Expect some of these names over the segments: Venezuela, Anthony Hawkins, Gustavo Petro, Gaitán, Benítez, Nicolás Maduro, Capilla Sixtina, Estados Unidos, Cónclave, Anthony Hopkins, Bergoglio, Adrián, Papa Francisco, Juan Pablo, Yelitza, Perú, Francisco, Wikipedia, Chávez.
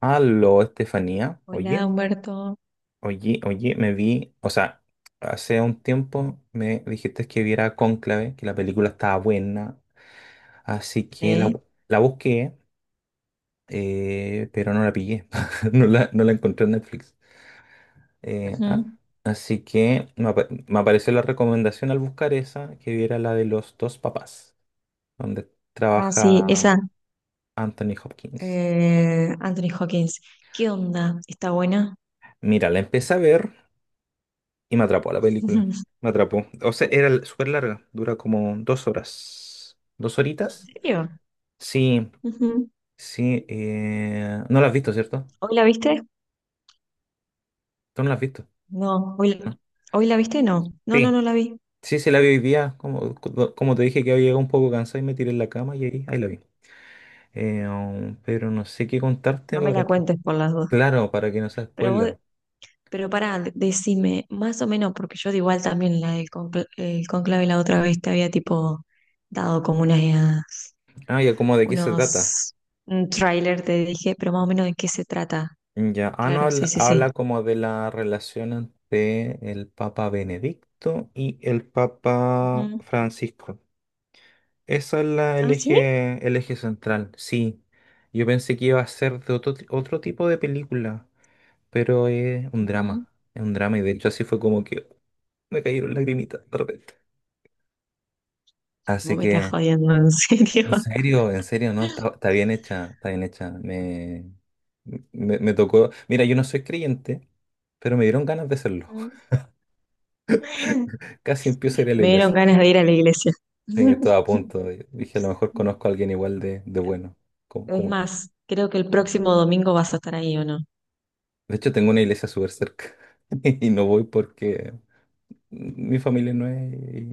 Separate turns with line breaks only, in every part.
Aló, Estefanía. Oye,
Hola, Humberto.
oye, oye, me vi, o sea, hace un tiempo me dijiste que viera Cónclave, que la película estaba buena, así que la,
Sí.
bu- la busqué, pero no la pillé. No la encontré en Netflix. Eh, ah,
Ujú.
Así que me apareció la recomendación al buscar esa, que viera la de los dos papás, donde
Ah, sí, esa.
trabaja Anthony Hopkins.
Anthony Hawkins. ¿Qué onda? ¿Está buena?
Mira, la empecé a ver. Y me atrapó la película.
¿En
Me atrapó. O sea, era súper larga. Dura como 2 horas. ¿Dos horitas?
serio?
Sí,
Ujú.
sí. No la has visto, ¿cierto?
¿Hoy la viste?
Tú no la has visto.
No. ¿Hoy, la-
¿No?
hoy la viste? No. No, no,
Sí,
no la vi.
sí, sí la vi hoy día. Como te dije, que había llegado un poco cansado y me tiré en la cama y ahí la vi. Pero no sé qué contarte
No me la
para que...
cuentes por las dudas.
Claro, para que no sea
Pero vos,
spoiler.
pero pará, decime, más o menos, porque yo de igual también la del el conclave la otra vez te había tipo dado como
Ah, ya, ¿cómo, de qué se trata?
unos, un tráiler, te dije, pero más o menos de qué se trata.
Ya, ah, no,
Claro, sí,
habla,
sí, sí.
habla como de la relación entre el Papa Benedicto y el Papa Francisco. Esa es el
¿Ah, sí?
eje, el eje central, sí. Yo pensé que iba a ser de otro tipo de película, pero es un
Ujú.
drama, y de hecho así fue como que me cayeron lagrimitas de repente.
Vos
Así
me estás
que,
jodiendo, en serio.
en serio, no, está bien hecha, está bien hecha. Me tocó. Mira, yo no soy creyente, pero me dieron ganas de serlo.
Ujú.
Casi empiezo a ir a la
Me dieron
iglesia.
ganas de ir a la iglesia.
Sí, estaba a punto. Dije, a lo mejor conozco a alguien igual de bueno. Como,
Es
como él.
más, creo que el próximo domingo vas a estar ahí, ¿o no? O
De hecho, tengo una iglesia súper cerca y no voy porque mi familia no es,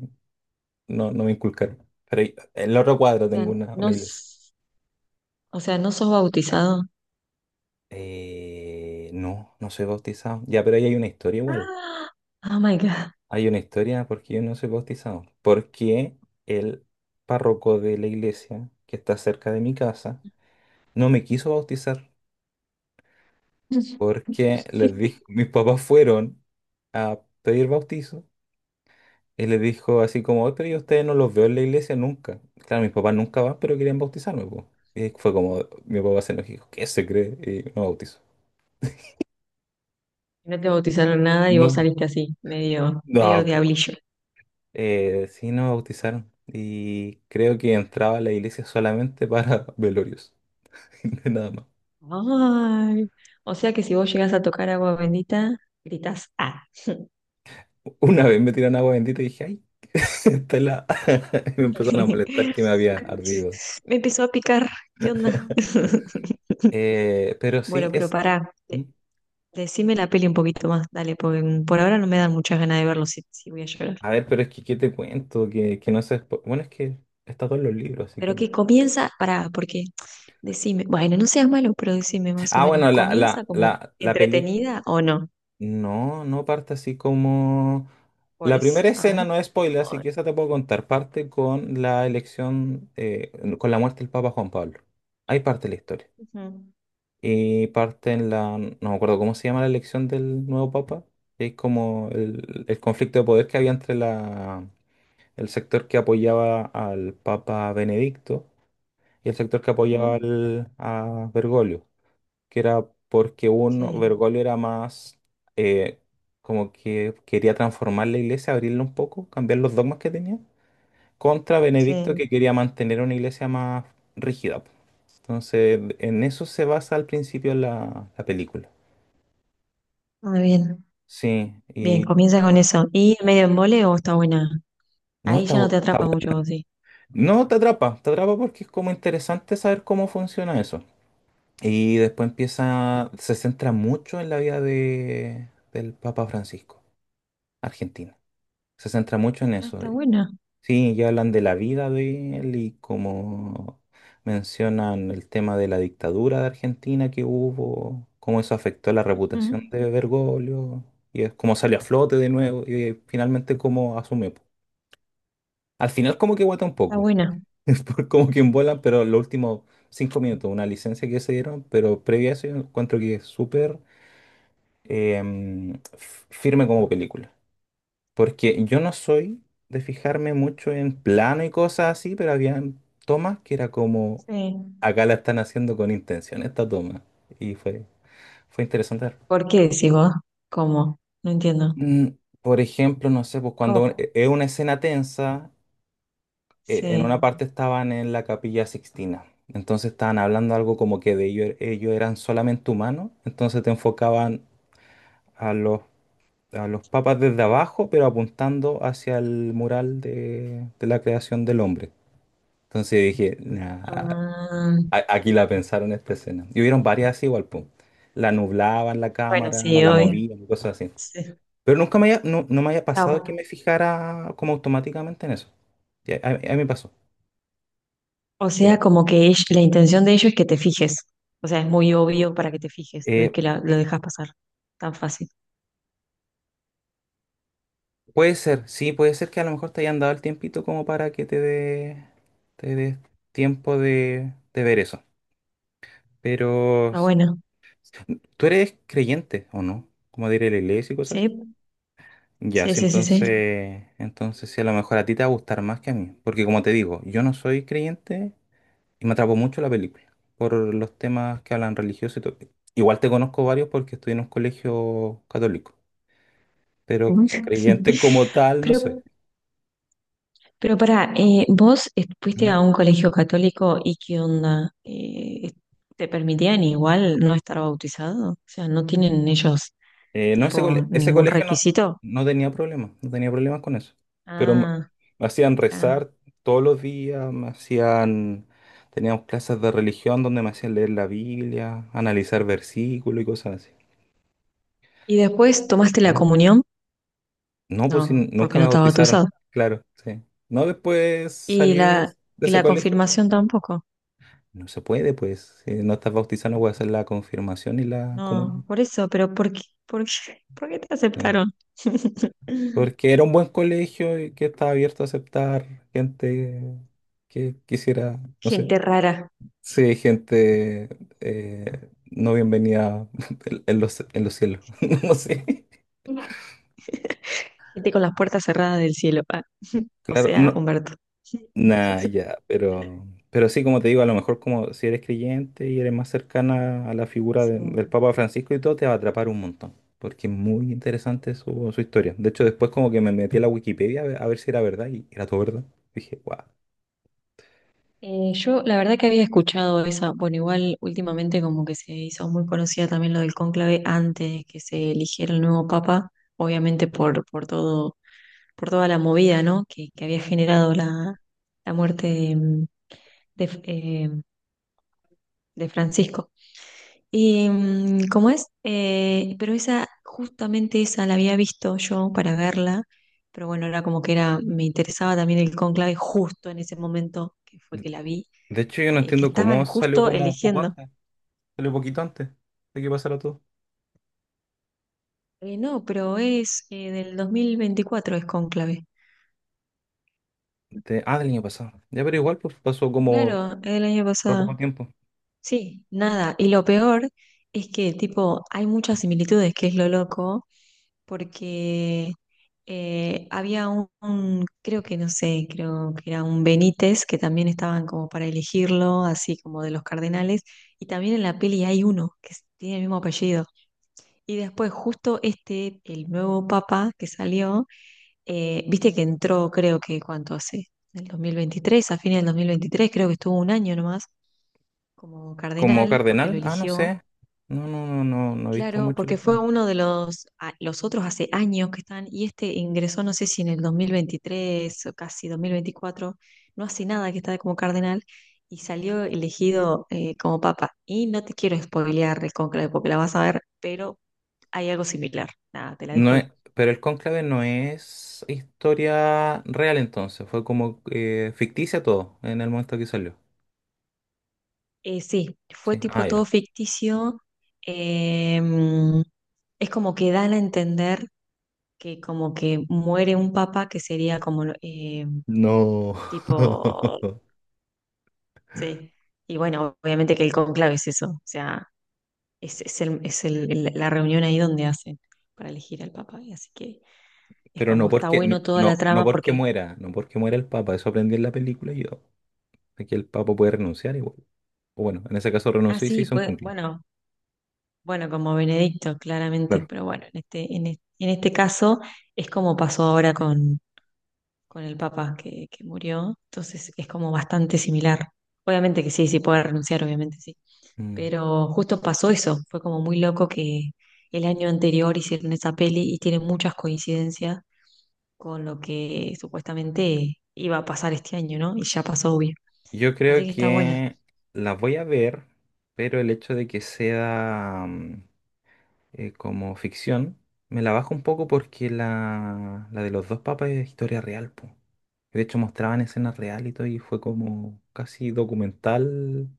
no, no me inculcaron. Pero en la otra cuadra tengo
sea,
una,
no,
una iglesia.
s- ¿no sos bautizado?
No, no soy bautizado. Ya, pero ahí hay una historia igual.
Ah, Oh my God.
Hay una historia porque yo no soy bautizado. Porque el párroco de la iglesia que está cerca de mi casa no me quiso bautizar, porque les dijo, mis papás fueron a pedir bautizo y les dijo así como: "Oye, pero yo a ustedes no los veo en la iglesia nunca". Claro, mis papás nunca van, pero querían bautizarme, po. Y fue como, mi papá se enojó y dijo, ¿qué se cree? Y no bautizó.
No te bautizaron nada y vos
No,
saliste así, medio, medio
no.
diablillo.
Sí, no bautizaron. Y creo que entraba a la iglesia solamente para velorios, nada más.
Ay, o sea que si vos llegás a tocar agua bendita, gritás, ah.
Una vez me tiraron agua bendita y dije, ay, esta es la... Y me empezaron a molestar que me había ardido.
Me empezó a picar. ¿Qué onda?
Pero sí
Bueno, pero
es...
pará. Decime la peli un poquito más, dale, porque por ahora no me dan muchas ganas de verlo si, si voy a llorar.
A ver, pero es que, ¿qué te cuento? Que no sé. Bueno, es que está todo en los libros, así
Pero
que.
que comienza, pará, porque decime, bueno, no seas malo, pero decime más o
Ah,
menos,
bueno, la,
¿comienza
la,
como
la, la peli.
entretenida o no?
No, no parte así como.
Por
La
eso,
primera
a
escena
ver.
no es spoiler, así
o-
que esa te puedo contar. Parte con la elección, con la muerte del Papa Juan Pablo. Ahí parte la historia.
Ujú,
Y parte en la... No me acuerdo cómo se llama la elección del nuevo Papa. Que Es como el conflicto de poder que había entre el sector que apoyaba al Papa Benedicto y el sector que apoyaba
ujú.
a Bergoglio, que era porque uno,
Sí,
Bergoglio era más eh, como que quería transformar la iglesia, abrirla un poco, cambiar los dogmas que tenía, contra Benedicto,
sí,
que quería mantener una iglesia más rígida, po. Entonces, en eso se basa al principio la película.
muy bien.
Sí,
Bien,
y
comienza con eso. ¿Y medio embole o está buena?
no,
Ahí ya no te atrapa mucho, vos, sí.
no te atrapa, te atrapa porque es como interesante saber cómo funciona eso. Y después empieza, se centra mucho en la vida del Papa Francisco, argentino. Se centra mucho en
Ah,
eso.
está buena.
Sí, ya hablan de la vida de él y como mencionan el tema de la dictadura de Argentina que hubo, cómo eso afectó la reputación
Ujú.
de Bergoglio y es cómo salió a flote de nuevo y finalmente cómo asume, po. Al final como que guata un
Está
poco,
buena.
como que envuelan, pero los últimos 5 minutos, una licencia que se dieron, pero previa a eso yo encuentro que es súper firme como película. Porque yo no soy de fijarme mucho en plano y cosas así, pero había tomas que era como,
Sí.
acá la están haciendo con intención esta toma. Y fue interesante ver.
¿Por qué decís vos? ¿Cómo? No entiendo.
Mm, Por ejemplo, no sé, pues cuando un-
¿Cómo?
e- es una escena tensa, en una
Sí.
parte estaban en la Capilla Sixtina. Entonces estaban hablando algo como que de ellos, ellos eran solamente humanos, entonces te enfocaban a los papas desde abajo, pero apuntando hacia el mural de la creación del hombre. Entonces dije: "Nah,
Ah,
aquí la pensaron esta escena". Y hubieron varias así igual, pum. La nublaban la
bueno,
cámara,
sí,
la
obvio.
movían, y cosas así.
Sí.
Pero nunca me haya, no, no me haya
Está
pasado que
bueno.
me fijara como automáticamente en eso. Y a mí me pasó.
O
Pero
sea,
bueno,
como que la intención de ellos es que te fijes. O sea, es muy obvio para que te fijes. No es
eh,
que lo dejas pasar tan fácil.
puede ser, sí, puede ser que a lo mejor te hayan dado el tiempito como para que te dé tiempo de ver eso. Pero
Está bueno.
¿tú eres creyente o no? Como diré, ir a la iglesia y cosas
Sí,
así. Ya,
sí,
sí,
sí, sí, sí.
entonces, entonces sí, a lo mejor a ti te va a gustar más que a mí. Porque como te digo, yo no soy creyente y me atrapó mucho la película por los temas que hablan religiosos y todo. Igual te conozco varios porque estoy en un colegio católico, pero creyente como tal no soy.
Pero Pero pará, vos fuiste
¿Mm?
a un colegio católico y qué onda. ¿Te permitían igual no estar bautizado? O sea, ¿no tienen ellos
No,
tipo
ese
ningún
colegio no,
requisito?
no tenía problemas con eso. Pero me,
Ah,
me hacían
ah.
rezar todos los días. Teníamos clases de religión donde me hacían leer la Biblia, analizar versículos y cosas así.
¿Y después tomaste la
Mm.
comunión?
No, pues sí,
No, porque
nunca
no
me
estaba bautizado.
bautizaron, claro, sí. No, después
¿Y
salí
la,
de
y
ese
la
colegio.
confirmación tampoco?
No se puede, pues, si no estás bautizado no puedes hacer la confirmación y la
No,
comunión.
por eso, pero ¿por qué te
Sí.
aceptaron?
Porque era un buen colegio y que estaba abierto a aceptar gente que quisiera, no sé,
Gente rara.
sí, gente no bienvenida en en los cielos. No sé.
Gente con las puertas cerradas del cielo. Ah, O
Claro,
sea,
no,
Humberto.
nada, ya, pero, sí, como te digo, a lo mejor como si eres creyente y eres más cercana a la figura
Sí.
del Papa Francisco y todo, te va a atrapar un montón. Porque es muy interesante su historia. De hecho, después como que me metí a la Wikipedia a ver si era verdad, y era todo verdad. Dije, guau.
Yo la verdad que había escuchado esa, bueno, igual últimamente como que se hizo muy conocida también lo del cónclave antes que se eligiera el nuevo papa, obviamente por todo, por toda la movida, ¿no? Que había generado la muerte de, eh, de Francisco. Y cómo es. Pero esa, justamente esa la había visto yo para verla, pero bueno, era como que era, me interesaba también el cónclave justo en ese momento que fue que la vi,
De hecho, yo no
que
entiendo
estaban
cómo
justo eligiendo.
salió poquito antes de que pasara todo.
No, pero es del 2024 es cónclave.
Del año pasado. Ya, pero igual, pues, pasó como
Claro, es del año
re
pasado.
poco tiempo.
Sí, nada. Y lo peor es que, tipo, hay muchas similitudes, que es lo loco porque había creo que no sé, creo que era un Benítez, que también estaban como para elegirlo, así como de los cardenales, y también en la peli hay uno que tiene el mismo apellido. Y después justo este, el nuevo papa que salió, viste que entró creo que cuánto hace, en el 2023, a fines del 2023 creo que estuvo un año nomás como
Como
cardenal, porque lo
cardenal, no
eligió.
sé. No, no, no, no, no he visto
Claro,
mucho la
porque fue
historia.
uno de los otros hace años que están, y este ingresó, no sé si en el 2023 o casi 2024, no hace nada que está como cardenal, y salió elegido como papa. Y no te quiero spoilear el conclave porque la vas a ver, pero hay algo similar. Nada, te la
No
dejo
es,
ahí.
Pero el cónclave no es historia real entonces, fue como ficticia todo en el momento que salió.
Sí, fue
Sí,
tipo
ah,
todo
ya.
ficticio. em, es como que dan a entender que como que muere un papa que sería como... em,
No.
tipo. Sí, y bueno, obviamente que el conclave es eso, o sea, la reunión ahí donde hacen para elegir al papa, y así que es
Pero no
como está
porque,
bueno
no,
toda la
no, no
trama
porque
porque,
muera, no porque muera el Papa, eso aprendí en la película yo. Aquí el Papa puede renunciar igual. O bueno, en ese caso
ah,
renunció y se
sí,
hizo un
pues,
conclave,
bueno, bueno, como Benedicto, claramente,
claro.
pero bueno, en este, caso es como pasó ahora con el papa que murió, entonces es como bastante similar. Obviamente que sí, sí puede renunciar, obviamente sí.
Mm.
Pero justo pasó eso, fue como muy loco que el año anterior hicieron esa peli y tiene muchas coincidencias con lo que supuestamente iba a pasar este año, ¿no? Y ya pasó, obvio.
Yo
Así
creo
que está buena.
que la voy a ver, pero el hecho de que sea como ficción me la baja un poco porque la de los dos papas es historia real, po. De hecho, mostraban escenas reales y todo, y fue como casi documental,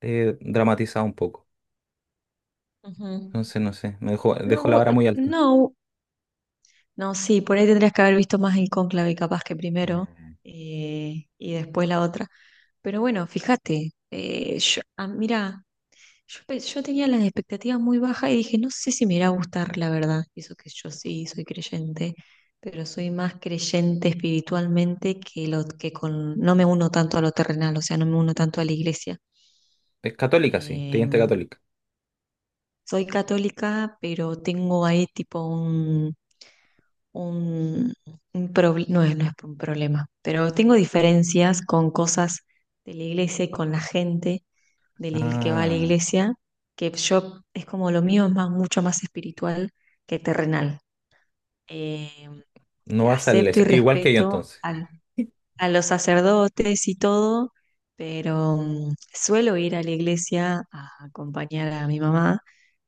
dramatizado un poco.
Ujú.
Entonces, no sé, me
No,
dejó la vara
bu-
muy alta.
no, No, sí, por ahí tendrías que haber visto más el cónclave capaz que primero,
Mm.
y después la otra. Pero bueno, fíjate, mira, yo tenía las expectativas muy bajas y dije, no sé si me irá a gustar, la verdad. Y eso que yo sí soy creyente, pero soy más creyente espiritualmente que lo que no me uno tanto a lo terrenal, o sea, no me uno tanto a la iglesia.
Es católica, sí, creyente
Em,
católica.
soy católica, pero tengo ahí tipo un, un proble- no es, no es un problema, pero tengo diferencias con cosas de la iglesia y con la gente que va a la
Ah,
iglesia, que yo es como lo mío es más, mucho más espiritual que terrenal. Eh,
no vas a la
Acepto y
iglesia. Igual que yo
respeto
entonces.
a los sacerdotes y todo, pero suelo ir a la iglesia a acompañar a mi mamá,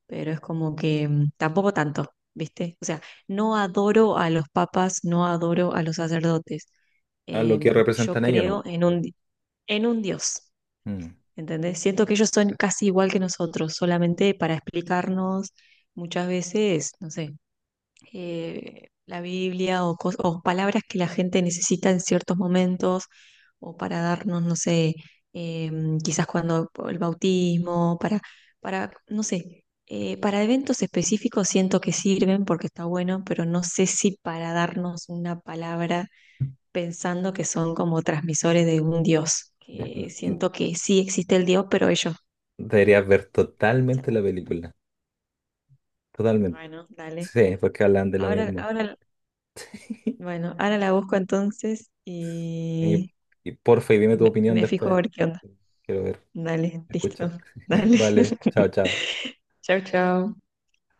pero es como que tampoco tanto, ¿viste? O sea, no adoro a los papas, no adoro a los sacerdotes.
A lo que
Yo
representan ellos
creo
nomás. Claro.
en un Dios,
Mm.
¿entendés? Siento que ellos son casi igual que nosotros, solamente para explicarnos muchas veces, no sé, la Biblia o palabras que la gente necesita en ciertos momentos o para darnos, no sé, eh, quizás cuando el bautismo, para, no sé, para eventos específicos siento que sirven porque está bueno, pero no sé si para darnos una palabra pensando que son como transmisores de un Dios,
Ya.
que siento que sí existe el Dios, pero ellos,
Deberías ver totalmente
ya,
la película. Totalmente.
bueno, dale.
Sí,
la-
porque hablan de lo
Ahora,
mismo.
ahora, bueno, ahora la busco entonces
Y,
y,
y porfa, y dime
Y
tu
me,
opinión
me fijo a
después.
ver qué onda.
Quiero ver,
Dale, listo.
escuchar.
Dale.
Vale, chao, chao.
Chao, chao.